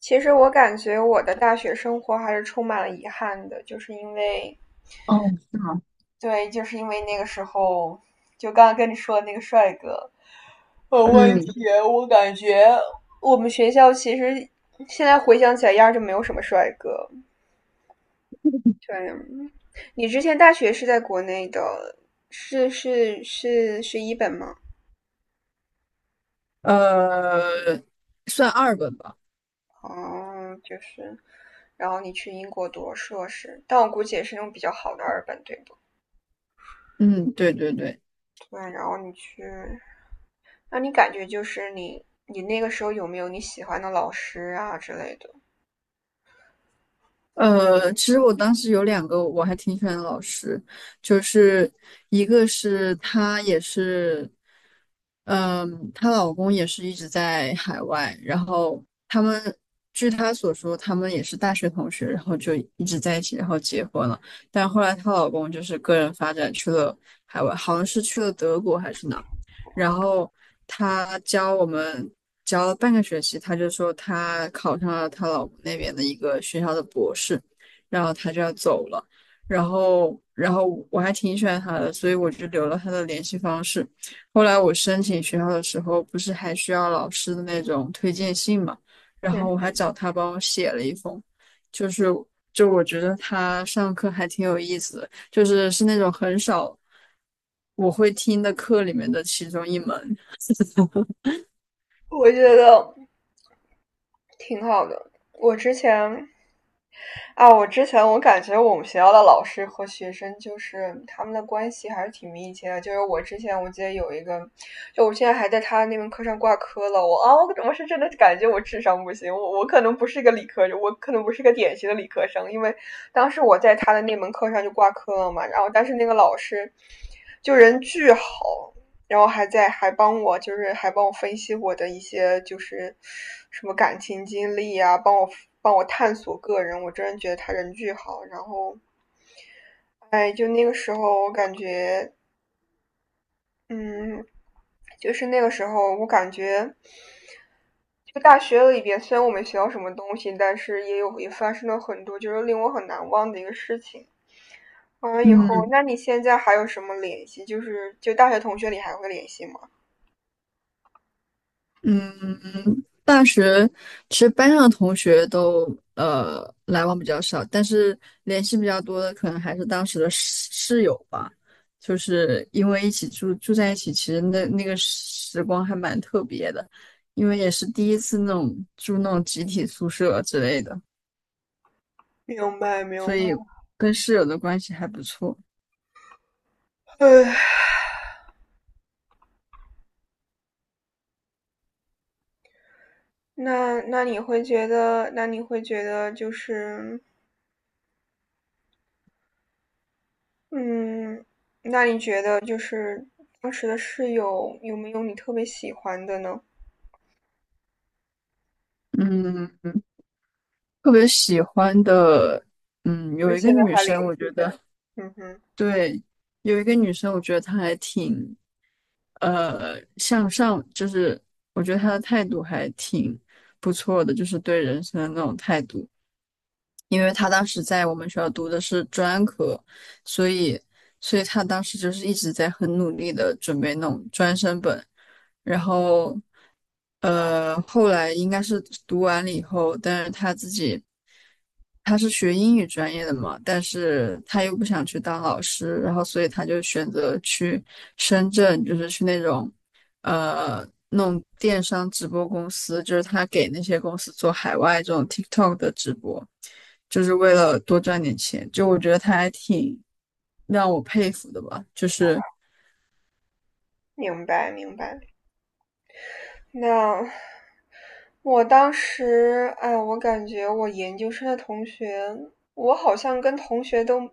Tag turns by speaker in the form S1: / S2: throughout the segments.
S1: 其实我感觉我的大学生活还是充满了遗憾的，就是因为，
S2: 哦，是吗？
S1: 对，就是因为那个时候，就刚刚跟你说的那个帅哥有问
S2: 嗯。
S1: 题，我感觉我们学校其实现在回想起来，压根就没有什么帅哥。对，你之前大学是在国内的，是一本吗？
S2: 呃，算二本吧。
S1: 哦，就是，然后你去英国读硕士，但我估计也是那种比较好的二本，对不？
S2: 嗯，对对对。
S1: 对，然后你去那你感觉就是你那个时候有没有你喜欢的老师啊之类的？
S2: 其实我当时有两个我还挺喜欢的老师，就是一个是她也是，她老公也是一直在海外，然后他们据她所说，他们也是大学同学，然后就一直在一起，然后结婚了。但后来她老公就是个人发展去了海外，好像是去了德国还是哪。然后他教我们教了半个学期，他就说他考上了他老公那边的一个学校的博士，然后他就要走了，然后我还挺喜欢他的，所以我就留了他的联系方式。后来我申请学校的时候，不是还需要老师的那种推荐信嘛，然后我还
S1: 嗯，
S2: 找他帮我写了一封，就是就我觉得他上课还挺有意思的。就是是那种很少我会听的课里面的其中一门。
S1: 我觉得挺好的。我之前我感觉我们学校的老师和学生就是他们的关系还是挺密切的。就是我之前我记得有一个，就我现在还在他那门课上挂科了。我啊，我我是真的感觉我智商不行，我可能不是一个理科，我可能不是一个典型的理科生，因为当时我在他的那门课上就挂科了嘛。然后但是那个老师就人巨好，然后还帮我，就是还帮我分析我的一些就是什么感情经历啊，帮我探索个人，我真的觉得他人巨好。然后，哎，嗯，就是那个时候我感觉，就大学里边虽然我没学到什么东西，但是也发生了很多就是令我很难忘的一个事情。完了以后，
S2: 嗯
S1: 那你现在还有什么联系？就大学同学里还会联系吗？
S2: 嗯，大学其实班上的同学都来往比较少，但是联系比较多的可能还是当时的室友吧，就是因为一起住在一起，其实那个时光还蛮特别的。因为也是第一次那种住那种集体宿舍之类的，
S1: 明白，明白。
S2: 跟室友的关系还不错。
S1: 唉。那那你会觉得那你会觉得就是，嗯，那你觉得就是当时的室友有没有你特别喜欢的呢？
S2: 嗯，特别喜欢的，嗯，
S1: 就
S2: 有一个
S1: 现在
S2: 女
S1: 还联
S2: 生，我
S1: 系
S2: 觉得
S1: 的？嗯哼，
S2: 对，有一个女生，我觉得她还挺向上，就是我觉得她的态度还挺不错的，就是对人生的那种态度。因为他当时在我们学校读的是专科，所以所以他当时就是一直在很努力的准备那种专升本，然后后来应该是读完了以后，但是他自己他是学英语专业的嘛，但是他又不想去当老师，然后所以他就选择去深圳，就是去那种弄电商直播公司，就是他给那些公司做海外这种 TikTok 的直播，就是为了多赚点钱。就我觉得他还挺让我佩服的吧，就是
S1: 明白明白。那我当时，哎，我感觉我研究生的同学，我好像跟同学都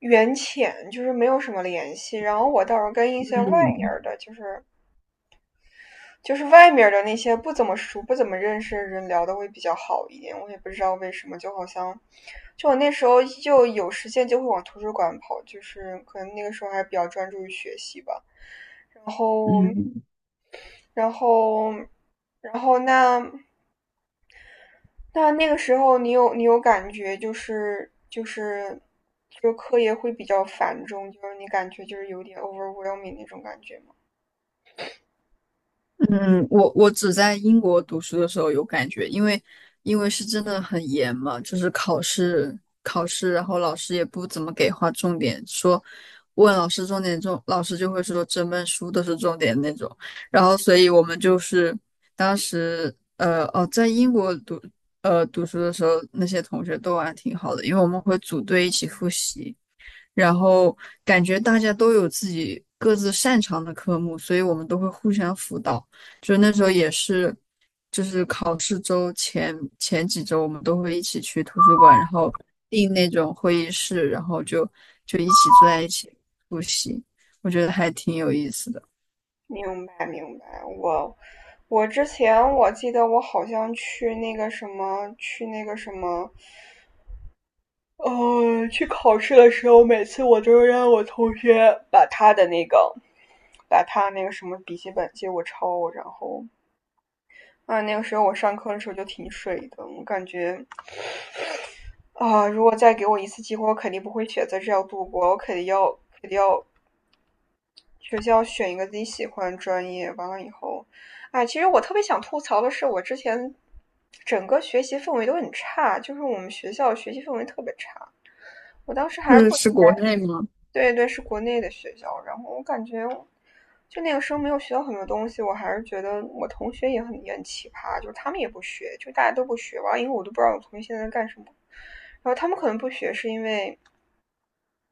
S1: 缘浅，就是没有什么联系。然后我倒是跟一些外面
S2: 嗯。
S1: 儿的，就是外面的那些不怎么熟、不怎么认识的人聊的会比较好一点。我也不知道为什么，就好像，就我那时候就有时间就会往图书馆跑，就是可能那个时候还比较专注于学习吧。然后，
S2: 嗯。
S1: 然后，然后那那个时候你有感觉就是就是就课业会比较繁重，就是你感觉就是有点 overwhelming 那种感觉吗？
S2: 嗯，我只在英国读书的时候有感觉，因为因为是真的很严嘛，就是考试，然后老师也不怎么给划重点，说问老师重点重，老师就会说整本书都是重点那种。然后，所以我们就是当时在英国读读书的时候，那些同学都玩挺好的，因为我们会组队一起复习。然后感觉大家都有自己各自擅长的科目，所以我们都会互相辅导。就那时候也是，就是考试周前几周，我们都会一起去图书馆，然后订那种会议室，然后就就一起坐在一起复习。我觉得还挺有意思的。
S1: 明白明白，我之前我记得我好像去那个什么去那个什么，呃，去考试的时候，每次我都让我同学把他的那个把他那个什么笔记本借我抄，然后啊，那个时候我上课的时候就挺水的，我感觉啊，如果再给我一次机会，我肯定不会选择这样度过，我肯定要学校选一个自己喜欢的专业，完了以后，哎，其实我特别想吐槽的是，我之前整个学习氛围都很差，就是我们学校学习氛围特别差。我当时还是
S2: 是
S1: 不应
S2: 是
S1: 该，
S2: 国内吗？
S1: 对对，是国内的学校，然后我感觉就那个时候没有学到很多东西，我还是觉得我同学也很奇葩，就是他们也不学，就大家都不学，完了以后我都不知道我同学现在在干什么。然后他们可能不学，是因为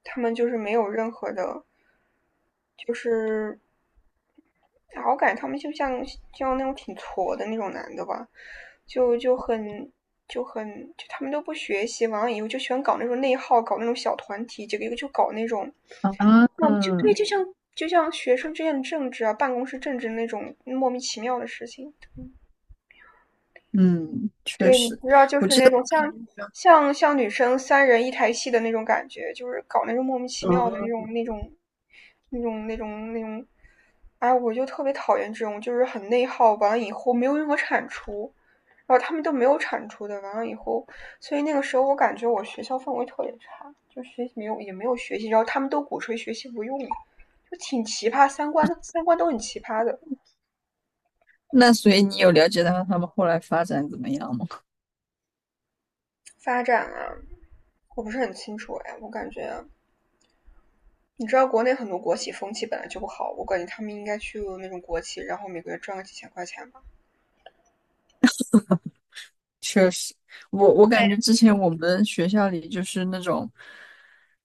S1: 他们就是没有任何的，就是然后我感觉他们就像那种挺挫的那种男的吧，就就很就很就他们都不学习，完了以后就喜欢搞那种内耗，搞那种小团体，这个一个就搞那种，
S2: 啊。
S1: 那就对，就像学生之间的政治啊，办公室政治那种莫名其妙的事情，
S2: 嗯，确
S1: 对，你
S2: 实，
S1: 知道，就
S2: 我
S1: 是
S2: 记
S1: 那
S2: 得我
S1: 种
S2: 们
S1: 像
S2: 以前。
S1: 像像女生三人一台戏的那种感觉，就是搞那种莫名其妙的那
S2: 嗯，
S1: 种那种那种那种那种，哎，我就特别讨厌这种，就是很内耗，完了以后没有任何产出，然后他们都没有产出的，完了以后，所以那个时候我感觉我学校氛围特别差，就学习没有也没有学习，然后他们都鼓吹学习不用，就挺奇葩，三观都很奇葩的
S2: 那所以你有了解到他们后来发展怎么样吗？
S1: 发展啊，我不是很清楚哎，我感觉。你知道国内很多国企风气本来就不好，我感觉他们应该去那种国企，然后每个月赚个几千块钱吧。
S2: 确实，我我感觉之前我们学校里就是那种，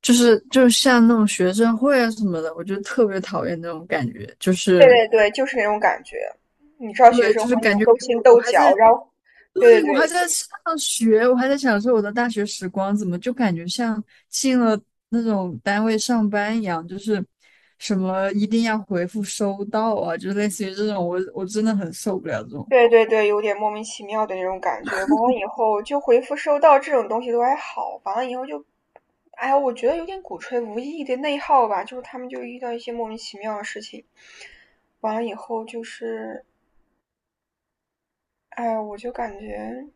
S2: 就是就像那种学生会啊什么的，我就特别讨厌那种感觉，就
S1: 对
S2: 是
S1: 对对对，就是那种感觉。你知道学
S2: 对，
S1: 生
S2: 就是
S1: 会那
S2: 感
S1: 种
S2: 觉
S1: 勾
S2: 给
S1: 心
S2: 我，我
S1: 斗
S2: 还在，
S1: 角，然后，对
S2: 对，我还
S1: 对对
S2: 在上学，我还在享受我的大学时光，怎么就感觉像进了那种单位上班一样，就是什么一定要回复收到啊，就类似于这种，我我真的很受不了这种。
S1: 对对对，有点莫名其妙的那种感觉。完了以后就回复收到这种东西都还好，完了以后就，哎呀，我觉得有点鼓吹无意义的内耗吧，就是他们就遇到一些莫名其妙的事情，完了以后就是，哎，我就感觉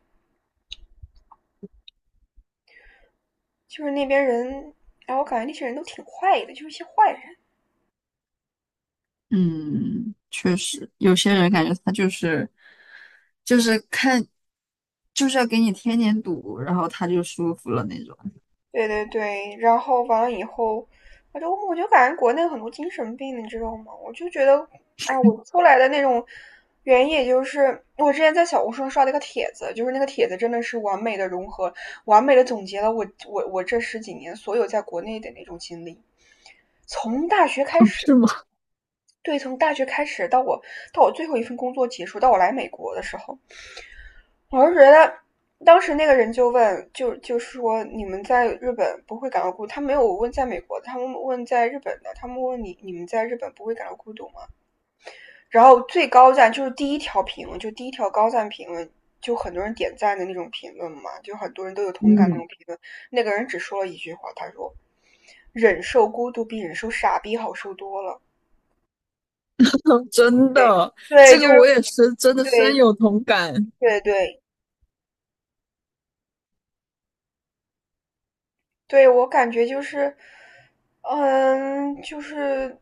S1: 就是那边人，然后我感觉那些人都挺坏的，就是一些坏人。
S2: 嗯，确实，有些人感觉他就是就是看就是要给你添点堵，然后他就舒服了那种。
S1: 对对对，然后完了以后，我就感觉国内很多精神病，你知道吗？我就觉得，哎，我出来的那种原因，也就是我之前在小红书上刷了一个帖子，就是那个帖子真的是完美的融合，完美的总结了我这十几年所有在国内的那种经历，从大学开 始。
S2: 是吗？
S1: 对，从大学开始到我最后一份工作结束，到我来美国的时候，我是觉得当时那个人就问，就是说你们在日本不会感到孤独，他没有问在美国的他们问在日本的，他们问你你们在日本不会感到孤独吗？然后最高赞就是第一条评论，就第一条高赞评论，就很多人点赞的那种评论嘛，就很多人都有同感那
S2: 嗯。
S1: 种评论。那个人只说了一句话，他说："忍受孤独比忍受傻逼好受多了。"
S2: 真
S1: 对，
S2: 的，
S1: 对，
S2: 这
S1: 就
S2: 个
S1: 是
S2: 我也是真的深
S1: 对，
S2: 有同感。
S1: 对对对，我感觉就是，嗯，就是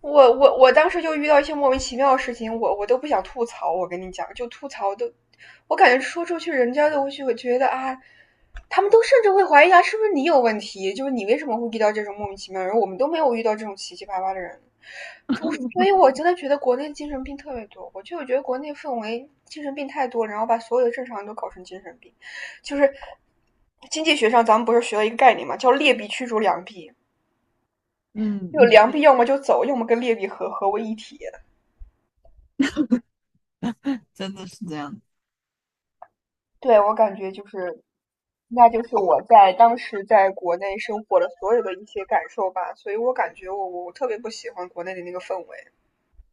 S1: 我当时就遇到一些莫名其妙的事情，我都不想吐槽。我跟你讲，就吐槽都，我感觉说出去，人家都会觉得啊，他们都甚至会怀疑啊，是不是你有问题？就是你为什么会遇到这种莫名其妙的人？我们都没有遇到这种奇七八八的人。所以，我真的觉得国内精神病特别多。我就觉得国内氛围精神病太多，然后把所有的正常人都搞成精神病。就是经济学上，咱们不是学了一个概念嘛，叫劣币驱逐良币。
S2: 嗯
S1: 就
S2: 嗯，
S1: 良币要么就走，要么跟劣币合为一体。
S2: 真的是这样。
S1: 对我感觉就是，那就是我在当时在国内生活的所有的一些感受吧，所以我感觉我特别不喜欢国内的那个氛围。